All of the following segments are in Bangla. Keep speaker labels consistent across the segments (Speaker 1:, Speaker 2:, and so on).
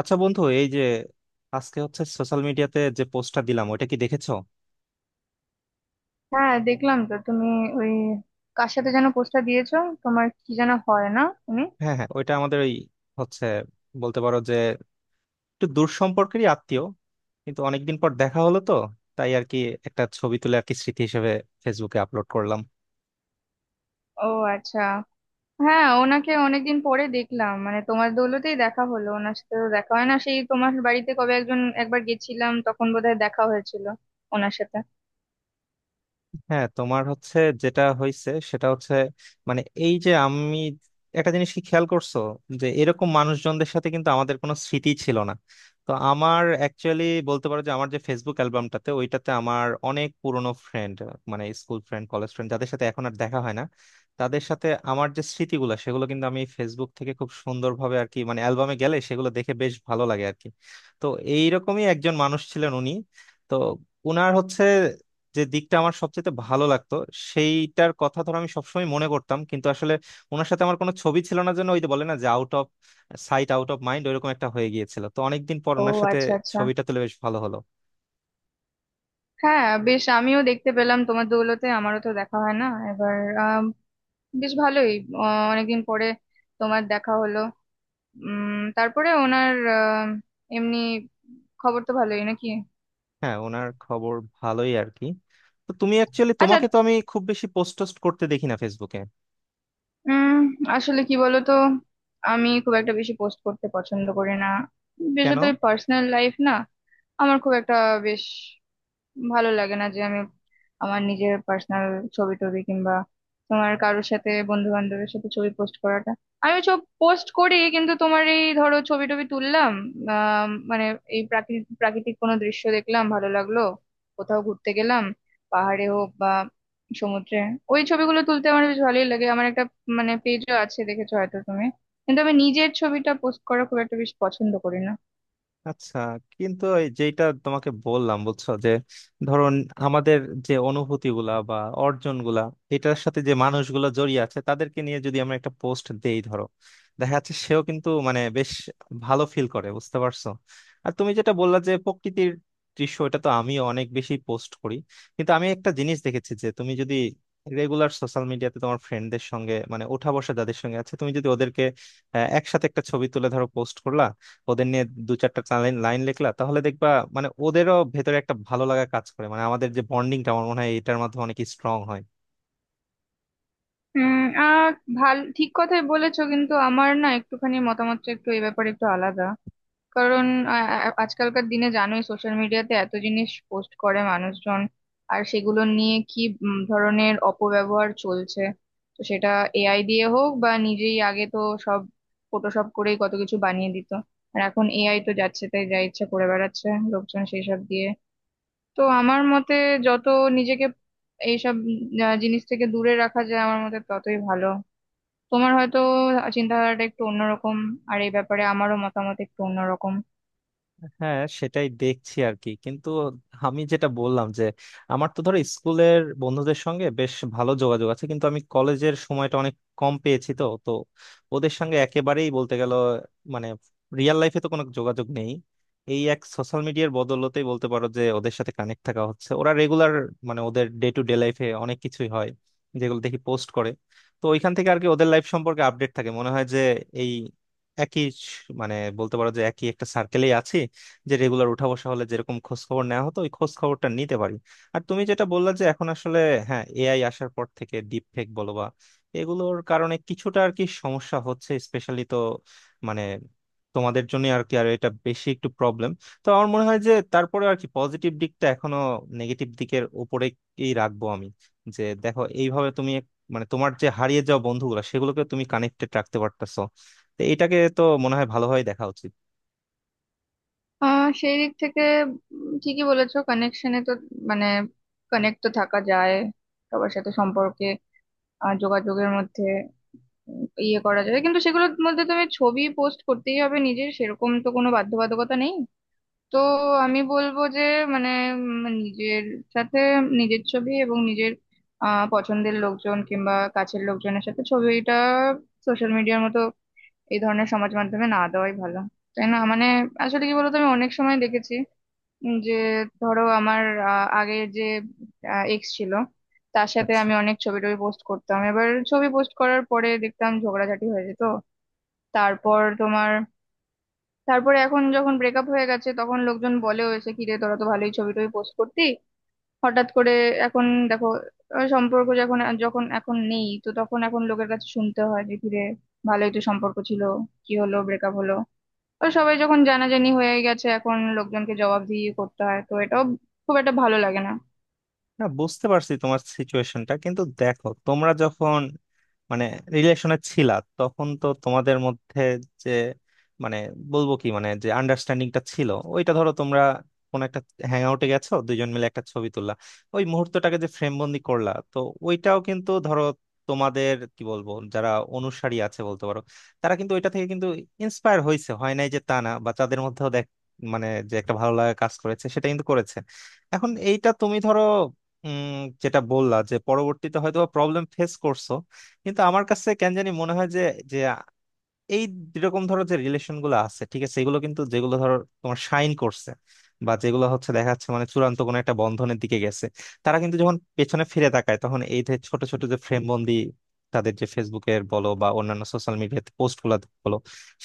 Speaker 1: আচ্ছা বন্ধু, এই যে আজকে হচ্ছে সোশ্যাল মিডিয়াতে যে পোস্টটা দিলাম ওইটা কি দেখেছো?
Speaker 2: হ্যাঁ, দেখলাম। তো তুমি ওই কার সাথে যেন পোস্টটা দিয়েছো? তোমার কি যেন হয় না? উনি...
Speaker 1: হ্যাঁ হ্যাঁ, ওইটা আমাদের ওই হচ্ছে, বলতে পারো যে একটু দূর সম্পর্কেরই আত্মীয়, কিন্তু অনেকদিন পর দেখা হলো তো, তাই আর কি একটা ছবি তুলে আর কি স্মৃতি হিসেবে ফেসবুকে আপলোড করলাম।
Speaker 2: ও, আচ্ছা। হ্যাঁ, ওনাকে অনেকদিন পরে দেখলাম, মানে তোমার দৌলতেই দেখা হলো। ওনার সাথে তো দেখা হয় না, সেই তোমার বাড়িতে কবে একজন একবার গেছিলাম তখন বোধহয় দেখা হয়েছিল ওনার সাথে।
Speaker 1: হ্যাঁ, তোমার হচ্ছে, যেটা হয়েছে সেটা হচ্ছে মানে এই যে আমি একটা জিনিস কি খেয়াল করছো যে এরকম মানুষজনদের সাথে কিন্তু আমাদের কোনো স্মৃতি ছিল না। তো আমার অ্যাকচুয়ালি বলতে পারো যে আমার যে ফেসবুক অ্যালবামটাতে ওইটাতে আমার অনেক পুরনো ফ্রেন্ড, মানে স্কুল ফ্রেন্ড, কলেজ ফ্রেন্ড, যাদের সাথে এখন আর দেখা হয় না, তাদের সাথে আমার যে স্মৃতিগুলো সেগুলো কিন্তু আমি ফেসবুক থেকে খুব সুন্দরভাবে আর কি মানে অ্যালবামে গেলে সেগুলো দেখে বেশ ভালো লাগে আর কি। তো এইরকমই একজন মানুষ ছিলেন উনি। তো উনার হচ্ছে যে দিকটা আমার সবচেয়ে ভালো লাগতো সেইটার কথা ধরো আমি সবসময় মনে করতাম, কিন্তু আসলে ওনার সাথে আমার কোনো ছবি ছিল না জন্য ওই যে বলে না যে out of sight out of mind, ওইরকম একটা হয়ে গিয়েছিল। তো অনেকদিন পর
Speaker 2: ও,
Speaker 1: ওনার সাথে
Speaker 2: আচ্ছা আচ্ছা।
Speaker 1: ছবিটা তুলে বেশ ভালো হলো।
Speaker 2: হ্যাঁ বেশ, আমিও দেখতে পেলাম তোমার দৌলতে, আমারও তো দেখা হয় না। এবার আম, বেশ ভালোই। অনেকদিন পরে তোমার দেখা হলো। তারপরে ওনার এমনি খবর তো ভালোই নাকি?
Speaker 1: হ্যাঁ, ওনার খবর ভালোই আর কি। তো তুমি অ্যাকচুয়ালি,
Speaker 2: আচ্ছা।
Speaker 1: তোমাকে তো আমি খুব বেশি পোস্ট টোস্ট করতে দেখি না ফেসবুকে,
Speaker 2: উম আসলে কি বলতো, আমি খুব একটা বেশি পোস্ট করতে পছন্দ করি না,
Speaker 1: কেন?
Speaker 2: বিশেষত পার্সোনাল লাইফ না। আমার খুব একটা বেশ ভালো লাগে না যে আমি আমার নিজের পার্সোনাল ছবি টবি কিংবা তোমার কারোর সাথে, বন্ধু বান্ধবের সাথে ছবি পোস্ট করাটা। আমি সব পোস্ট করি, কিন্তু তোমার এই ধরো ছবি টবি তুললাম, মানে এই প্রাকৃতিক প্রাকৃতিক কোনো দৃশ্য দেখলাম, ভালো লাগলো, কোথাও ঘুরতে গেলাম, পাহাড়ে হোক বা সমুদ্রে, ওই ছবিগুলো তুলতে আমার বেশ ভালোই লাগে। আমার একটা মানে পেজও আছে, দেখেছো হয়তো তুমি। কিন্তু আমি নিজের ছবিটা পোস্ট করা খুব একটা বেশি পছন্দ করি না।
Speaker 1: আচ্ছা, কিন্তু এই যেটা তোমাকে বললাম বুঝছো যে ধরুন আমাদের যে অনুভূতি গুলা বা অর্জন গুলা এটার সাথে যে মানুষগুলো জড়িয়ে আছে তাদেরকে নিয়ে যদি আমরা একটা পোস্ট দেই ধরো, দেখা যাচ্ছে সেও কিন্তু মানে বেশ ভালো ফিল করে, বুঝতে পারছো? আর তুমি যেটা বললা যে প্রকৃতির দৃশ্য, এটা তো আমি অনেক বেশি পোস্ট করি। কিন্তু আমি একটা জিনিস দেখেছি যে তুমি যদি রেগুলার সোশ্যাল মিডিয়াতে তোমার ফ্রেন্ডদের সঙ্গে মানে ওঠা বসা যাদের সঙ্গে আছে তুমি যদি ওদেরকে একসাথে একটা ছবি তুলে ধরো পোস্ট করলা, ওদের নিয়ে দু চারটা লাইন লাইন লিখলা, তাহলে দেখবা মানে ওদেরও ভেতরে একটা ভালো লাগা কাজ করে, মানে আমাদের যে বন্ডিংটা আমার মনে হয় এটার মাধ্যমে অনেক স্ট্রং হয়।
Speaker 2: হুম। আহ ভাল, ঠিক কথাই বলেছো, কিন্তু আমার না একটুখানি মতামতটা একটু এই ব্যাপারে একটু আলাদা। কারণ আ- আজকালকার দিনে জানোই, সোশ্যাল মিডিয়াতে এত জিনিস পোস্ট করে মানুষজন, আর সেগুলো নিয়ে কি ধরনের অপব্যবহার চলছে। তো সেটা এআই দিয়ে হোক বা নিজেই, আগে তো সব ফটোশপ করেই কত কিছু বানিয়ে দিত, আর এখন এআই তো যাচ্ছে তাই, যা ইচ্ছা করে বেড়াচ্ছে লোকজন সেই সব দিয়ে। তো আমার মতে যত নিজেকে এইসব জিনিস থেকে দূরে রাখা যায়, আমার মতে ততই ভালো। তোমার হয়তো চিন্তাধারাটা একটু অন্যরকম, আর এই ব্যাপারে আমারও মতামত একটু অন্যরকম।
Speaker 1: হ্যাঁ, সেটাই দেখছি আর কি, কিন্তু আমি যেটা বললাম যে আমার তো ধরো স্কুলের বন্ধুদের সঙ্গে বেশ ভালো যোগাযোগ আছে, কিন্তু আমি কলেজের সময়টা অনেক কম পেয়েছি, তো তো ওদের সঙ্গে একেবারেই বলতে গেল মানে রিয়েল লাইফে তো কোনো যোগাযোগ নেই। এই এক সোশ্যাল মিডিয়ার বদৌলতেই বলতে পারো যে ওদের সাথে কানেক্ট থাকা হচ্ছে। ওরা রেগুলার মানে ওদের ডে টু ডে লাইফে অনেক কিছুই হয় যেগুলো দেখি পোস্ট করে। তো ওইখান থেকে আর কি ওদের লাইফ সম্পর্কে আপডেট থাকে, মনে হয় যে এই মানে বলতে পারো যে একই একটা সার্কেলেই আছি, যে রেগুলার উঠা বসা হলে যেরকম খোঁজ খবর নেওয়া হতো ওই খোঁজ খবরটা নিতে পারি। আর তুমি যেটা বললা যে এখন আসলে, হ্যাঁ, এআই আসার পর থেকে ডিপ ফেক বলো বা এগুলোর কারণে কিছুটা আর কি সমস্যা হচ্ছে, স্পেশালি তো মানে তোমাদের জন্য আর কি, আর এটা বেশি একটু প্রবলেম। তো আমার মনে হয় যে তারপরে আর কি পজিটিভ দিকটা এখনো নেগেটিভ দিকের উপরে কি রাখবো আমি, যে দেখো এইভাবে তুমি মানে তোমার যে হারিয়ে যাওয়া বন্ধুগুলো সেগুলোকে তুমি কানেক্টেড রাখতে পারতেছো, তো এটাকে তো মনে হয় ভালোভাবে দেখা উচিত।
Speaker 2: সেই দিক থেকে ঠিকই বলেছো, কানেকশনে তো মানে কানেক্ট তো থাকা যায় সবার সাথে, সম্পর্কে যোগাযোগের মধ্যে ইয়ে করা যায়। কিন্তু সেগুলোর মধ্যে তুমি ছবি পোস্ট করতেই হবে নিজের, সেরকম তো কোনো বাধ্যবাধকতা নেই। তো আমি বলবো যে মানে নিজের সাথে নিজের ছবি এবং নিজের পছন্দের লোকজন কিংবা কাছের লোকজনের সাথে ছবিটা সোশ্যাল মিডিয়ার মতো এই ধরনের সমাজ মাধ্যমে না দেওয়াই ভালো, তাই না? মানে আসলে কি বলতো, আমি অনেক সময় দেখেছি যে ধরো আমার আগের যে এক্স ছিল, তার সাথে
Speaker 1: আচ্ছা।
Speaker 2: আমি অনেক ছবি টবি পোস্ট করতাম, এবার ছবি পোস্ট করার পরে দেখতাম ঝগড়াঝাটি হয়ে যেত। তারপর তোমার, তারপরে এখন যখন ব্রেকআপ হয়ে গেছে তখন লোকজন বলে, হয়েছে কি রে, তোরা তো ভালোই ছবি টবি পোস্ট করতি হঠাৎ করে, এখন দেখো সম্পর্ক যখন যখন এখন নেই তো তখন এখন লোকের কাছে শুনতে হয় যে কি রে, ভালোই তো সম্পর্ক ছিল, কি হলো, ব্রেকআপ হলো? ওই সবাই যখন জানাজানি হয়ে গেছে এখন লোকজনকে জবাবদিহি করতে হয়, তো এটাও খুব একটা ভালো লাগে না।
Speaker 1: না, বুঝতে পারছি তোমার সিচুয়েশনটা, কিন্তু দেখো তোমরা যখন মানে রিলেশনে ছিলা তখন তো তোমাদের মধ্যে যে মানে বলবো কি মানে যে আন্ডারস্ট্যান্ডিংটা ছিল ওইটা ধরো তোমরা কোন একটা হ্যাং আউটে গেছো, দুইজন মিলে একটা ছবি তুললা, ওই মুহূর্তটাকে যে ফ্রেম বন্দি করলা, তো ওইটাও কিন্তু ধরো তোমাদের কি বলবো যারা অনুসারী আছে বলতে পারো, তারা কিন্তু ওইটা থেকে কিন্তু ইন্সপায়ার হয়েছে হয় নাই যে তা না, বা তাদের মধ্যেও দেখ মানে যে একটা ভালো লাগা কাজ করেছে সেটা কিন্তু করেছে। এখন এইটা তুমি ধরো উম যেটা বললা যে পরবর্তীতে হয়তো প্রবলেম ফেস করছো, কিন্তু আমার কাছে কেন জানি মনে হয় যে যে এই যেরকম ধরো যে রিলেশন গুলো আছে ঠিক আছে এগুলো কিন্তু যেগুলো ধরো তোমার সাইন করছে বা যেগুলো হচ্ছে দেখা যাচ্ছে মানে চূড়ান্ত কোনো একটা বন্ধনের দিকে গেছে, তারা কিন্তু যখন পেছনে ফিরে তাকায় তখন এই যে ছোট ছোট যে ফ্রেম বন্দি তাদের যে ফেসবুকের বলো বা অন্যান্য সোশ্যাল মিডিয়াতে পোস্ট গুলো বলো,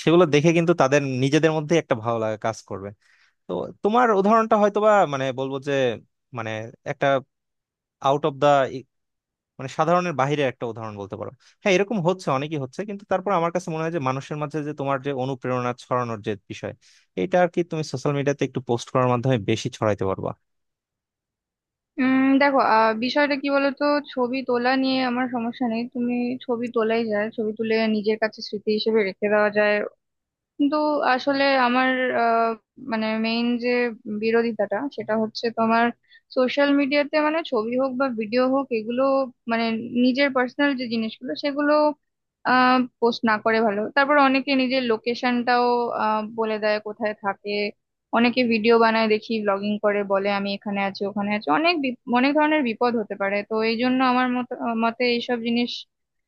Speaker 1: সেগুলো দেখে কিন্তু তাদের নিজেদের মধ্যে একটা ভালো লাগা কাজ করবে। তো তোমার উদাহরণটা হয়তোবা মানে বলবো যে মানে একটা আউট অফ দা মানে সাধারণের বাইরের একটা উদাহরণ বলতে পারো। হ্যাঁ, এরকম হচ্ছে অনেকই হচ্ছে, কিন্তু তারপর আমার কাছে মনে হয় যে মানুষের মাঝে যে তোমার যে অনুপ্রেরণা ছড়ানোর যে বিষয়, এটা আর কি তুমি সোশ্যাল মিডিয়াতে একটু পোস্ট করার মাধ্যমে বেশি ছড়াইতে পারবা।
Speaker 2: দেখো, বিষয়টা কি বলতো, ছবি তোলা নিয়ে আমার সমস্যা নেই। তুমি ছবি তোলাই যায়, ছবি তুলে নিজের কাছে স্মৃতি হিসেবে রেখে দেওয়া যায়। কিন্তু আসলে আমার আহ, মানে মেইন যে বিরোধিতাটা, সেটা হচ্ছে তোমার সোশ্যাল মিডিয়াতে মানে ছবি হোক বা ভিডিও হোক, এগুলো মানে নিজের পার্সোনাল যে জিনিসগুলো সেগুলো পোস্ট না করে ভালো। তারপর অনেকে নিজের লোকেশনটাও বলে দেয় কোথায় থাকে, অনেকে ভিডিও বানায় দেখি, ব্লগিং করে বলে আমি এখানে আছি ওখানে আছি, অনেক ধরনের বিপদ হতে পারে। তো এই জন্য আমার মতে এইসব জিনিস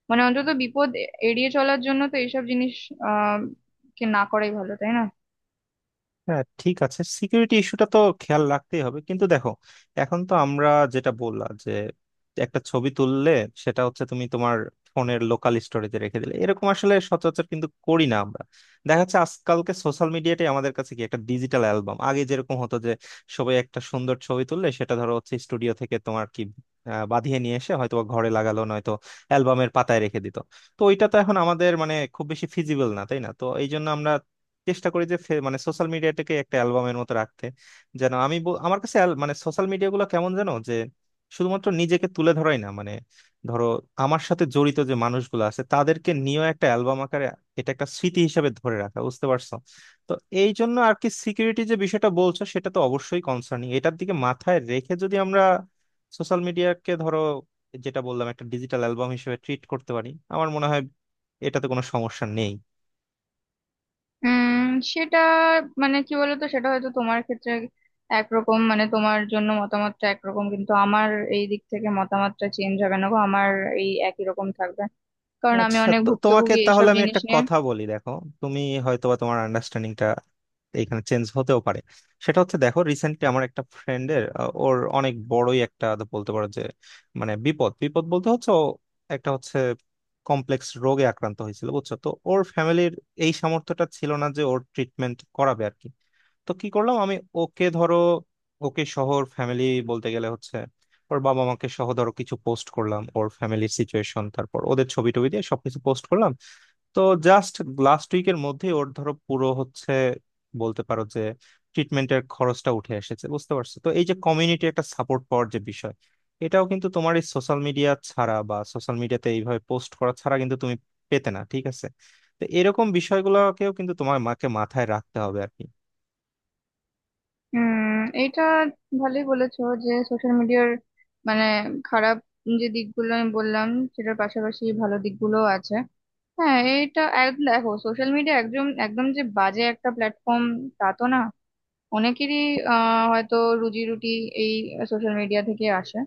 Speaker 2: মানে অন্তত বিপদ এড়িয়ে চলার জন্য তো এইসব জিনিস কে না করাই ভালো, তাই না?
Speaker 1: হ্যাঁ, ঠিক আছে, সিকিউরিটি ইস্যুটা তো খেয়াল রাখতেই হবে, কিন্তু দেখো এখন তো আমরা যেটা বললাম যে একটা ছবি তুললে সেটা হচ্ছে তুমি তোমার ফোনের লোকাল স্টোরেজে রেখে দিলে, এরকম আসলে সচরাচর কিন্তু করি না আমরা। দেখা যাচ্ছে আজকালকে সোশ্যাল মিডিয়াটাই আমাদের কাছে কি একটা ডিজিটাল অ্যালবাম, আগে যেরকম হতো যে সবাই একটা সুন্দর ছবি তুললে সেটা ধরো হচ্ছে স্টুডিও থেকে তোমার কি বাঁধিয়ে নিয়ে এসে হয়তো বা ঘরে লাগালো, নয়তো অ্যালবামের পাতায় রেখে দিত। তো ওইটা তো এখন আমাদের মানে খুব বেশি ফিজিবল না, তাই না? তো এই জন্য আমরা চেষ্টা করি যে মানে সোশ্যাল মিডিয়াটাকে একটা অ্যালবামের মতো রাখতে, যেন আমি আমার কাছে মানে সোশ্যাল মিডিয়া গুলো কেমন যেন যে শুধুমাত্র নিজেকে তুলে ধরাই না, মানে ধরো আমার সাথে জড়িত যে মানুষগুলো আছে তাদেরকে নিয়েও একটা অ্যালবাম আকারে এটা একটা স্মৃতি হিসেবে ধরে রাখা, বুঝতে পারছো? তো এই জন্য আর কি সিকিউরিটি যে বিষয়টা বলছো সেটা তো অবশ্যই কনসার্নিং, এটার দিকে মাথায় রেখে যদি আমরা সোশ্যাল মিডিয়াকে ধরো যেটা বললাম একটা ডিজিটাল অ্যালবাম হিসেবে ট্রিট করতে পারি, আমার মনে হয় এটাতে কোনো সমস্যা নেই।
Speaker 2: উম সেটা মানে কি বলতো, সেটা হয়তো তোমার ক্ষেত্রে একরকম, মানে তোমার জন্য মতামতটা একরকম, কিন্তু আমার এই দিক থেকে মতামতটা চেঞ্জ হবে না গো। আমার এই একই রকম থাকবে, কারণ আমি
Speaker 1: আচ্ছা,
Speaker 2: অনেক
Speaker 1: তো তোমাকে
Speaker 2: ভুক্তভোগী এইসব
Speaker 1: তাহলে আমি
Speaker 2: জিনিস
Speaker 1: একটা
Speaker 2: নিয়ে।
Speaker 1: কথা বলি, দেখো তুমি হয়তোবা তোমার আন্ডারস্ট্যান্ডিংটা এখানে চেঞ্জ হতেও পারে। সেটা হচ্ছে দেখো রিসেন্টলি আমার একটা ফ্রেন্ডের ওর অনেক বড়ই একটা তো বলতে পারো যে মানে বিপদ বিপদ বলতে হচ্ছে, ও একটা হচ্ছে কমপ্লেক্স রোগে আক্রান্ত হয়েছিল বুঝছো? তো ওর ফ্যামিলির এই সামর্থ্যটা ছিল না যে ওর ট্রিটমেন্ট করাবে আর কি। তো কি করলাম, আমি ওকে ধরো ওকে শহর ফ্যামিলি বলতে গেলে হচ্ছে ওর বাবা মাকে সহ ধরো কিছু পোস্ট করলাম, ওর ফ্যামিলির সিচুয়েশন, তারপর ওদের ছবি টবি দিয়ে সবকিছু পোস্ট করলাম। তো জাস্ট লাস্ট উইকের মধ্যেই ওর ধরো পুরো হচ্ছে বলতে পারো যে ট্রিটমেন্টের খরচটা উঠে এসেছে, বুঝতে পারছো? তো এই যে কমিউনিটি একটা সাপোর্ট পাওয়ার যে বিষয়, এটাও কিন্তু তোমার এই সোশ্যাল মিডিয়া ছাড়া বা সোশ্যাল মিডিয়াতে এইভাবে পোস্ট করা ছাড়া কিন্তু তুমি পেতে না, ঠিক আছে? তো এরকম বিষয়গুলোকেও কিন্তু তোমার মাকে মাথায় রাখতে হবে আর কি।
Speaker 2: এইটা ভালোই বলেছো যে সোশ্যাল মিডিয়ার মানে খারাপ যে দিকগুলো আমি বললাম সেটার পাশাপাশি ভালো দিকগুলো আছে। হ্যাঁ এটা দেখো, সোশ্যাল মিডিয়া একদম একদম যে বাজে একটা প্ল্যাটফর্ম তা তো না। অনেকেরই হয়তো রুজি রুটি এই সোশ্যাল মিডিয়া থেকে আসে।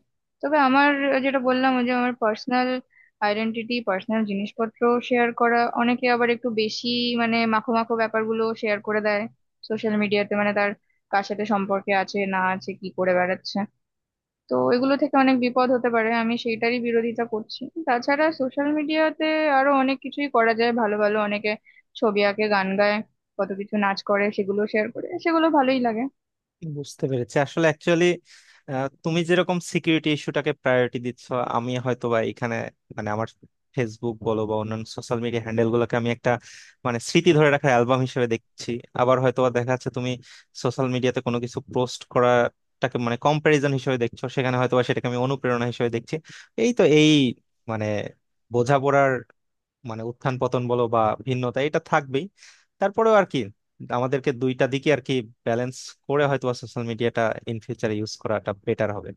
Speaker 2: তবে আমার যেটা বললাম, ওই যে আমার পার্সোনাল আইডেন্টিটি, পার্সোনাল জিনিসপত্র শেয়ার করা, অনেকে আবার একটু বেশি মানে মাখো মাখো ব্যাপারগুলো শেয়ার করে দেয় সোশ্যাল মিডিয়াতে, মানে তার কার সাথে সম্পর্কে আছে না আছে, কি করে বেড়াচ্ছে, তো এগুলো থেকে অনেক বিপদ হতে পারে, আমি সেইটারই বিরোধিতা করছি। তাছাড়া সোশ্যাল মিডিয়াতে আরো অনেক কিছুই করা যায় ভালো ভালো, অনেকে ছবি আঁকে, গান গায়, কত কিছু, নাচ করে, সেগুলো শেয়ার করে, সেগুলো ভালোই লাগে।
Speaker 1: বুঝতে পেরেছি, আসলে অ্যাকচুয়ালি তুমি যেরকম সিকিউরিটি ইস্যুটাকে প্রায়োরিটি দিচ্ছ, আমি হয়তো বা এখানে মানে আমার ফেসবুক বলো বা অন্যান্য সোশ্যাল মিডিয়া হ্যান্ডেল গুলোকে আমি একটা মানে স্মৃতি ধরে রাখার অ্যালবাম হিসেবে দেখছি। আবার হয়তো বা দেখা যাচ্ছে তুমি সোশ্যাল মিডিয়াতে কোনো কিছু পোস্ট করাটাকে মানে কম্প্যারিজন হিসেবে দেখছো, সেখানে হয়তো বা সেটাকে আমি অনুপ্রেরণা হিসেবে দেখছি। এই তো এই মানে বোঝাপড়ার মানে উত্থান পতন বলো বা ভিন্নতা এটা থাকবেই। তারপরেও আর কি আমাদেরকে দুইটা দিকে আর কি ব্যালেন্স করে হয়তো সোশ্যাল মিডিয়াটা ইন ফিউচারে ইউজ করাটা বেটার হবে।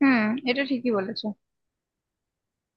Speaker 2: হুম, এটা ঠিকই বলেছো।